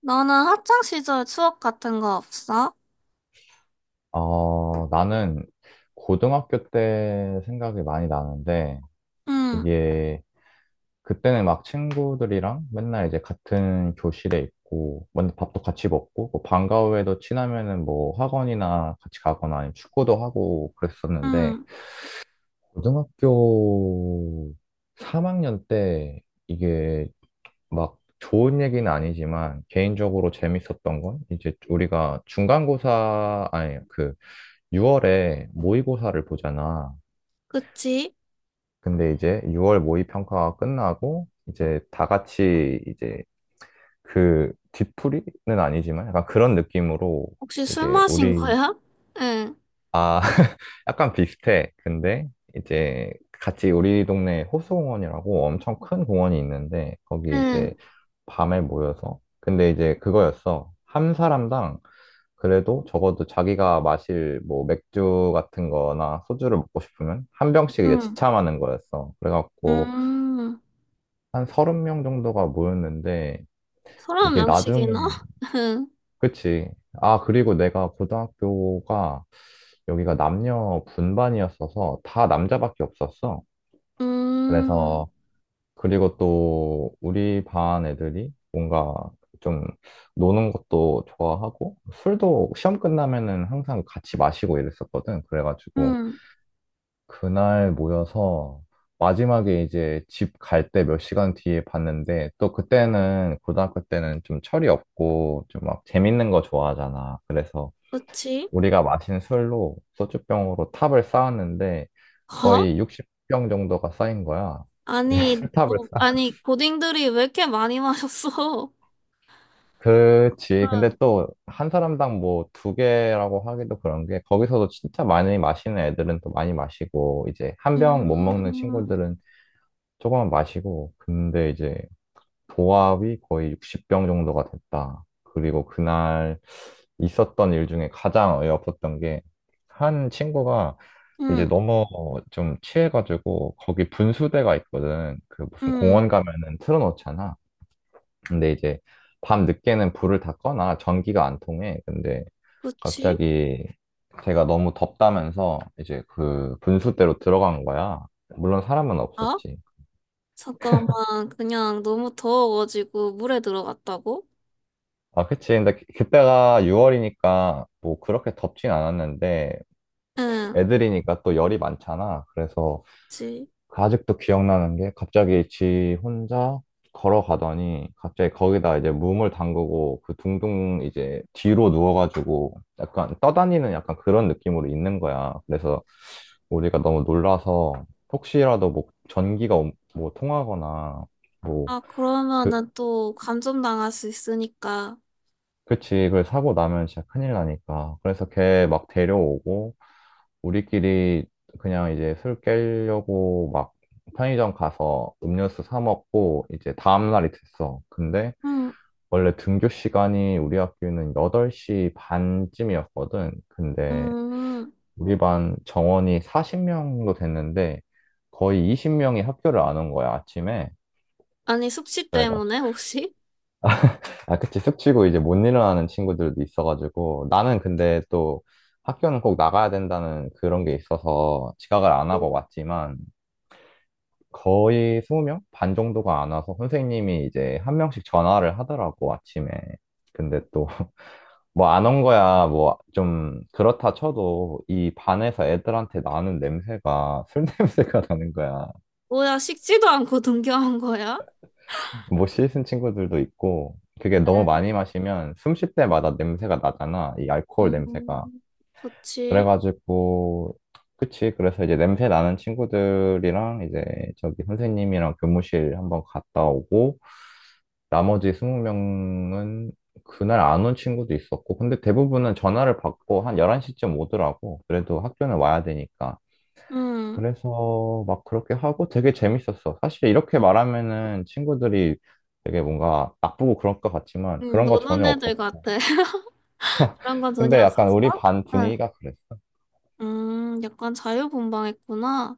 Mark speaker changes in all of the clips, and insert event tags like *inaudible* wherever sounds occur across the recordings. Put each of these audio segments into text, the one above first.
Speaker 1: 너는 학창 시절 추억 같은 거 없어?
Speaker 2: 어, 나는 고등학교 때 생각이 많이 나는데,
Speaker 1: 응,
Speaker 2: 이게, 그때는 막 친구들이랑 맨날 이제 같은 교실에 있고, 먼저 밥도 같이 먹고, 뭐 방과 후에도 친하면은 뭐 학원이나 같이 가거나 아니면 축구도 하고 그랬었는데,
Speaker 1: 응,
Speaker 2: 고등학교 3학년 때 이게 막 좋은 얘기는 아니지만, 개인적으로 재밌었던 건, 이제 우리가 중간고사, 아니, 그, 6월에 모의고사를 보잖아.
Speaker 1: 그치?
Speaker 2: 근데 이제 6월 모의평가가 끝나고 이제 다 같이 이제 그 뒤풀이는 아니지만 약간 그런 느낌으로
Speaker 1: 혹시 술
Speaker 2: 이제
Speaker 1: 마신
Speaker 2: 우리
Speaker 1: 거야? *laughs*
Speaker 2: 아 *laughs* 약간 비슷해. 근데 이제 같이 우리 동네 호수공원이라고 엄청 큰 공원이 있는데
Speaker 1: 응,
Speaker 2: 거기 이제
Speaker 1: 응,
Speaker 2: 밤에 모여서 근데 이제 그거였어. 한 사람당 그래도 적어도 자기가 마실 뭐 맥주 같은 거나 소주를 먹고 싶으면 한 병씩 이제
Speaker 1: 응,
Speaker 2: 지참하는 거였어. 그래갖고
Speaker 1: 음,
Speaker 2: 한 서른 명 정도가 모였는데
Speaker 1: 서른
Speaker 2: 이게 나중에,
Speaker 1: 명씩이나? *laughs* 응,
Speaker 2: 그치. 아, 그리고 내가 고등학교가 여기가 남녀 분반이었어서 다 남자밖에 없었어.
Speaker 1: 음,
Speaker 2: 그래서 그리고 또 우리 반 애들이 뭔가 좀 노는 것도 좋아하고 술도 시험 끝나면은 항상 같이 마시고 이랬었거든. 그래가지고
Speaker 1: 응,
Speaker 2: 그날 모여서 마지막에 이제 집 갈 때 몇 시간 뒤에 봤는데 또 그때는 고등학교 때는 좀 철이 없고 좀 막 재밌는 거 좋아하잖아. 그래서
Speaker 1: 그치?
Speaker 2: 우리가 마신 술로 소주병으로 탑을 쌓았는데
Speaker 1: 어?
Speaker 2: 거의 60병 정도가 쌓인 거야. *laughs*
Speaker 1: 아니, 뭐,
Speaker 2: 술탑을 쌓.
Speaker 1: 아니, 고딩들이 왜 이렇게 많이 마셨어? *laughs* 응,
Speaker 2: 그치. 근데 또 한 사람당 뭐 두 개라고 하기도 그런 게 거기서도 진짜 많이 마시는 애들은 또 많이 마시고 이제 한 병 못 먹는
Speaker 1: 음,
Speaker 2: 친구들은 조금만 마시고, 근데 이제 도합이 거의 60병 정도가 됐다. 그리고 그날 있었던 일 중에 가장 어이없었던 게, 한 친구가 이제
Speaker 1: 응,
Speaker 2: 너무 좀 취해가지고, 거기 분수대가 있거든. 그 무슨
Speaker 1: 응,
Speaker 2: 공원 어, 가면은 틀어놓잖아. 근데 이제 밤 늦게는 불을 다 꺼나 전기가 안 통해. 근데
Speaker 1: 그치?
Speaker 2: 갑자기 제가 너무 덥다면서 이제 그 분수대로 들어간 거야. 물론 사람은
Speaker 1: 어?
Speaker 2: 없었지.
Speaker 1: 잠깐만, 그냥 너무 더워가지고 물에 들어갔다고?
Speaker 2: 아, 그치. 근데 그때가 6월이니까 뭐 그렇게 덥진 않았는데
Speaker 1: 응,
Speaker 2: 애들이니까 또 열이 많잖아. 그래서
Speaker 1: 그치.
Speaker 2: 그 아직도 기억나는 게 갑자기 지 혼자 걸어가더니 갑자기 거기다 이제 몸을 담그고 그 둥둥 이제 뒤로 누워가지고 약간 떠다니는 약간 그런 느낌으로 있는 거야. 그래서 우리가 너무 놀라서 혹시라도 뭐 전기가 옴- 뭐 통하거나 뭐
Speaker 1: 아,
Speaker 2: 그
Speaker 1: 그러면은 또 감점당할 수 있으니까.
Speaker 2: 그치, 이걸 사고 나면 진짜 큰일 나니까. 그래서 걔 막 데려오고, 우리끼리 그냥 이제 술 깨려고 막 편의점 가서 음료수 사 먹고, 이제 다음날이 됐어. 근데
Speaker 1: 음,
Speaker 2: 원래 등교 시간이 우리 학교는 8시 반쯤이었거든. 근데
Speaker 1: 음.
Speaker 2: 우리 반 정원이 40명도 됐는데, 거의 20명이 학교를 안 온 거야, 아침에.
Speaker 1: 아니, 숙취 때문에 혹시?
Speaker 2: 아, 그치. 숙취고 이제 못 일어나는 친구들도 있어가지고. 나는 근데 또 학교는 꼭 나가야 된다는 그런 게 있어서 지각을 안 하고 왔지만 거의 20명? 반 정도가 안 와서 선생님이 이제 한 명씩 전화를 하더라고, 아침에. 근데 또 *laughs* 뭐 안 온 *laughs* 거야, 뭐 좀 그렇다 쳐도 이 반에서 애들한테 나는 냄새가 술 *laughs* 냄새가 나는 거야.
Speaker 1: 뭐야, 식지도 않고 등교한 거야?
Speaker 2: 못 씻은 친구들도 있고 그게 너무
Speaker 1: 네.
Speaker 2: 많이 마시면 숨 쉴 때마다 냄새가 나잖아. 이 알코올 냄새가.
Speaker 1: 음, 그치.
Speaker 2: 그래가지고, 그치. 그래서 이제 냄새 나는 친구들이랑 이제 저기 선생님이랑 교무실 한번 갔다 오고, 나머지 20명은 그날 안 온 친구도 있었고, 근데 대부분은 전화를 받고 한 11시쯤 오더라고. 그래도 학교는 와야 되니까.
Speaker 1: 음,
Speaker 2: 그래서 막 그렇게 하고 되게 재밌었어. 사실 이렇게 말하면은 친구들이 되게 뭔가 나쁘고 그럴 것 같지만 그런 거 전혀
Speaker 1: 노는 애들
Speaker 2: 없었고.
Speaker 1: 같아. *laughs* 그런 건 전혀
Speaker 2: 근데 약간 우리
Speaker 1: 없었어?
Speaker 2: 반
Speaker 1: 응.
Speaker 2: 분위기가 그랬어.
Speaker 1: 약간 자유분방했구나.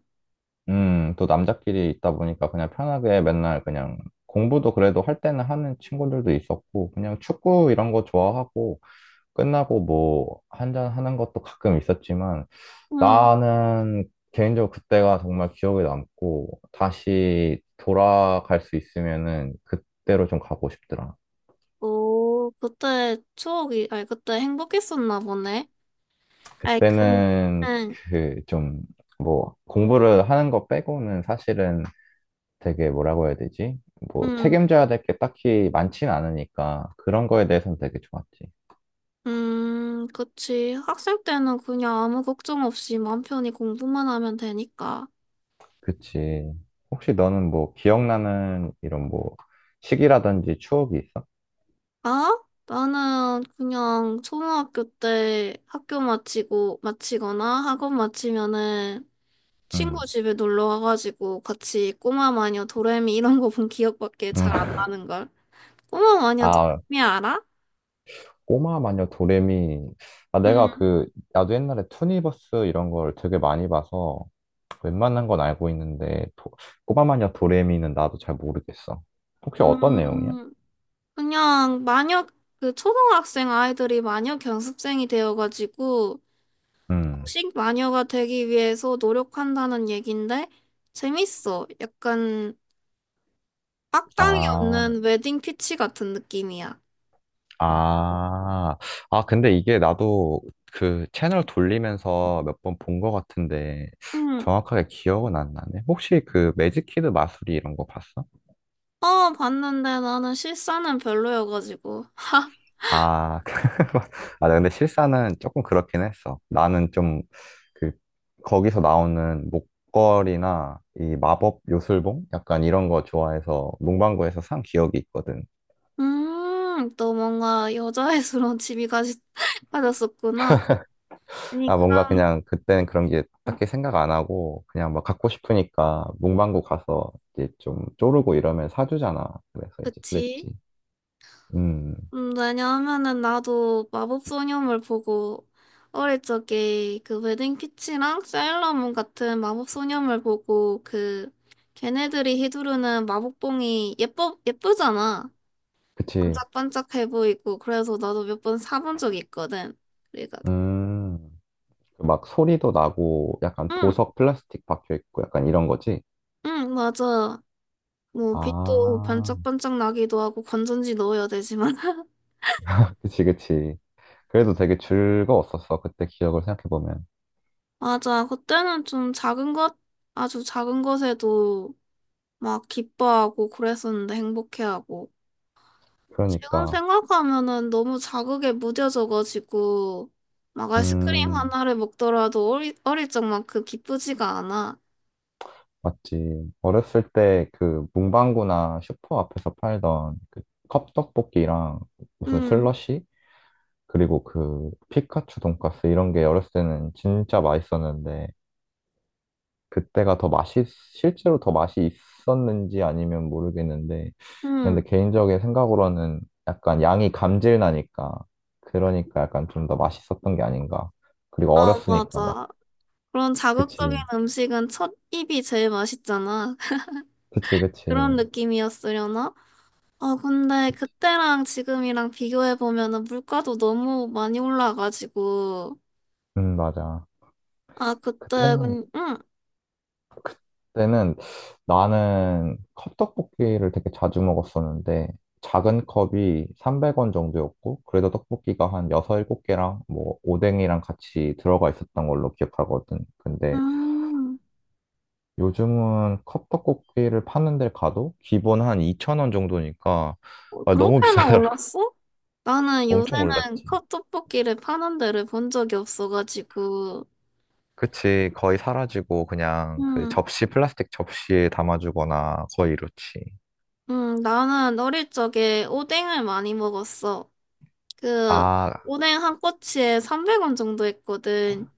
Speaker 2: 또 남자끼리 있다 보니까 그냥 편하게 맨날 그냥 공부도 그래도 할 때는 하는 친구들도 있었고, 그냥 축구 이런 거 좋아하고, 끝나고 뭐 한잔 하는 것도 가끔 있었지만,
Speaker 1: 응.
Speaker 2: 나는 개인적으로 그때가 정말 기억에 남고, 다시 돌아갈 수 있으면은 그때로 좀 가고 싶더라.
Speaker 1: 오, 그때 추억이, 아니, 그때 행복했었나 보네. 아이, 근,
Speaker 2: 그때는
Speaker 1: 응,
Speaker 2: 그 좀 뭐 공부를 하는 거 빼고는 사실은 되게 뭐라고 해야 되지? 뭐
Speaker 1: 응.
Speaker 2: 책임져야 될 게 딱히 많진 않으니까 그런 거에 대해서는 되게 좋았지.
Speaker 1: 그치. 학생 때는 그냥 아무 걱정 없이 맘 편히 공부만 하면 되니까.
Speaker 2: 그치. 혹시 너는 뭐 기억나는 이런 뭐 시기라든지 추억이 있어?
Speaker 1: 아? 나는 그냥 초등학교 때 학교 마치고, 마치거나 학원 마치면은 친구
Speaker 2: 응.
Speaker 1: 집에 놀러 가가지고 같이 꼬마 마녀 도레미 이런 거 본 기억밖에
Speaker 2: 응.
Speaker 1: 잘 안
Speaker 2: *laughs*
Speaker 1: 나는걸. 꼬마 마녀
Speaker 2: 아,
Speaker 1: 도레미 알아?
Speaker 2: 꼬마 마녀 도레미. 아, 내가
Speaker 1: 음,
Speaker 2: 그, 나도 옛날에 투니버스 이런 걸 되게 많이 봐서 웬만한 건 알고 있는데, 도- 꼬마 마녀 도레미는 나도 잘 모르겠어. 혹시 어떤 내용이야?
Speaker 1: 음, 그냥 마녀, 그 초등학생 아이들이 마녀 견습생이 되어가지고
Speaker 2: 응.
Speaker 1: 식마녀가 되기 위해서 노력한다는 얘긴데 재밌어. 약간 악당이
Speaker 2: 아.
Speaker 1: 없는 웨딩 피치 같은 느낌이야.
Speaker 2: 아, 아, 근데 이게 나도 그 채널 돌리면서 몇 번 본 것 같은데
Speaker 1: 응.
Speaker 2: 정확하게 기억은 안 나네. 혹시 그 매직키드 마술이 이런 거 봤어?
Speaker 1: 어, 봤는데 나는 실사는 별로여가지고. *laughs* 하.
Speaker 2: 아, *laughs* 아, 근데 실사는 조금 그렇긴 했어. 나는 좀 그 거기서 나오는 목걸이나 이 마법 요술봉? 약간 이런 거 좋아해서 문방구에서 산 기억이 있거든.
Speaker 1: 또 뭔가 여자애스러운 취미 가 *laughs* 가졌었구나. 아니,
Speaker 2: 아, 뭔가
Speaker 1: 그럼,
Speaker 2: 그냥 그때는 그런 게
Speaker 1: 음,
Speaker 2: 딱히 생각 안 하고 그냥 막 갖고 싶으니까 문방구 가서 이제 좀 쪼르고 이러면 사주잖아. 그래서 이제
Speaker 1: 그치.
Speaker 2: 그랬지. 음,
Speaker 1: 왜냐하면은 나도 마법소녀물 보고 어릴 적에 그 웨딩피치랑 사일러문 같은 마법소녀물 보고 그 걔네들이 휘두르는 마법봉이 예뻐 예쁘잖아.
Speaker 2: 그치.
Speaker 1: 반짝반짝해 보이고 그래서 나도 몇 번 사본 적이 있거든. 그래가
Speaker 2: 음, 그막 소리도 나고 약간
Speaker 1: 응,
Speaker 2: 보석 플라스틱 박혀 있고 약간 이런 거지.
Speaker 1: 응, 맞아. 뭐 빛도
Speaker 2: 아,
Speaker 1: 반짝반짝 나기도 하고 건전지 넣어야 되지만 *laughs*
Speaker 2: 그치, 그치. 그래도 되게 즐거웠었어. 그때 기억을 생각해보면.
Speaker 1: 맞아. 그때는 좀 작은 것 아주 작은 것에도 막 기뻐하고 그랬었는데 행복해하고. 지금
Speaker 2: 그러니까.
Speaker 1: 생각하면은 너무 자극에 무뎌져가지고 막 아이스크림
Speaker 2: 음.
Speaker 1: 하나를 먹더라도 어릴 적만큼 기쁘지가 않아.
Speaker 2: 맞지. 어렸을 때 그 문방구나 슈퍼 앞에서 팔던 그 컵떡볶이랑 무슨
Speaker 1: 응,
Speaker 2: 슬러시? 그리고 그 피카츄 돈까스 이런 게 어렸을 때는 진짜 맛있었는데 그때가 더 맛이, 실제로 더 맛이 있었는지 아니면 모르겠는데 근데
Speaker 1: 응.
Speaker 2: 개인적인 생각으로는 약간 양이 감질나니까 그러니까 약간 좀 더 맛있었던 게 아닌가. 그리고
Speaker 1: 아,
Speaker 2: 어렸으니까 막.
Speaker 1: 맞아. 그런 자극적인
Speaker 2: 그치.
Speaker 1: 음식은 첫 입이 제일 맛있잖아. *laughs*
Speaker 2: 그치, 그치.
Speaker 1: 그런 느낌이었으려나? 아, 근데 그때랑 지금이랑 비교해보면은 물가도 너무 많이 올라가지고.
Speaker 2: 맞아.
Speaker 1: 아, 그때,
Speaker 2: 그때는
Speaker 1: 그, 응.
Speaker 2: 때는 나는 컵떡볶이를 되게 자주 먹었었는데 작은 컵이 300원 정도였고 그래도 떡볶이가 한 6, 7개랑 뭐 오뎅이랑 같이 들어가 있었던 걸로 기억하거든. 근데
Speaker 1: 음.
Speaker 2: 요즘은 컵떡볶이를 파는 데 가도 기본 한 2,000원 정도니까
Speaker 1: 어,
Speaker 2: 아, 너무
Speaker 1: 그렇게나
Speaker 2: 비싸더라고. *laughs*
Speaker 1: 올랐어? 나는
Speaker 2: 엄청
Speaker 1: 요새는
Speaker 2: 올랐지.
Speaker 1: 컵떡볶이를 파는 데를 본 적이 없어가지고,
Speaker 2: 그치. 거의 사라지고 그냥 그
Speaker 1: 음,
Speaker 2: 접시 플라스틱 접시에 담아주거나 거의 이렇지.
Speaker 1: 나는 어릴 적에 오뎅을 많이 먹었어. 그,
Speaker 2: 아,
Speaker 1: 오뎅 한 꼬치에 300원 정도 했거든.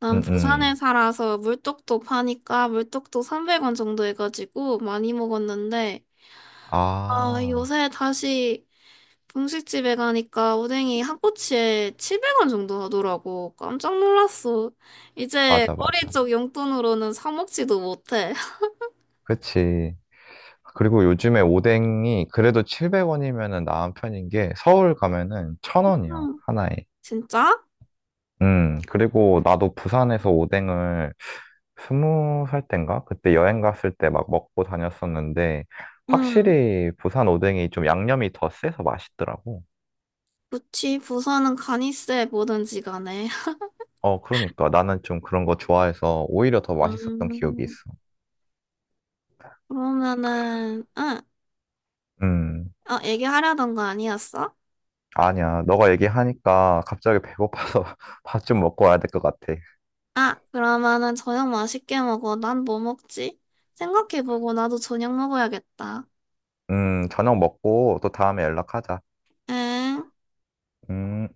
Speaker 1: 난
Speaker 2: 음,
Speaker 1: 부산에
Speaker 2: 음.
Speaker 1: 살아서 물떡도 파니까 물떡도 300원 정도 해가지고 많이 먹었는데, 아,
Speaker 2: 아.
Speaker 1: 요새 다시 분식집에 가니까 오뎅이 한 꼬치에 700원 정도 하더라고. 깜짝 놀랐어. 이제
Speaker 2: 맞아,
Speaker 1: 어릴
Speaker 2: 맞아.
Speaker 1: 적 용돈으로는 사 먹지도 못해. *laughs*
Speaker 2: 그치. 그리고 요즘에 오뎅이 그래도 700원이면은 나은 편인 게 서울 가면은 천 원이야
Speaker 1: 응.
Speaker 2: 하나에.
Speaker 1: 진짜?
Speaker 2: 그리고 나도 부산에서 오뎅을 스무 살 땐가? 그때 여행 갔을 때 막 먹고 다녔었는데
Speaker 1: 응.
Speaker 2: 확실히 부산 오뎅이 좀 양념이 더 세서 맛있더라고.
Speaker 1: 그치, 부산은 간이세 뭐든지 간에.
Speaker 2: 어, 그러니까 나는 좀 그런 거 좋아해서 오히려 더 맛있었던
Speaker 1: 음,
Speaker 2: 기억이 있어.
Speaker 1: 그러면은, 응.
Speaker 2: 음,
Speaker 1: 어, 얘기하려던 거 아니었어?
Speaker 2: 아니야. 너가 얘기하니까 갑자기 배고파서 *laughs* 밥 좀 먹고 와야 될 것 같아.
Speaker 1: 아, 그러면은 저녁 맛있게 먹어. 난 뭐 먹지? 생각해보고 나도 저녁 먹어야겠다.
Speaker 2: 저녁 먹고 또 다음에 연락하자.
Speaker 1: 응.
Speaker 2: 음.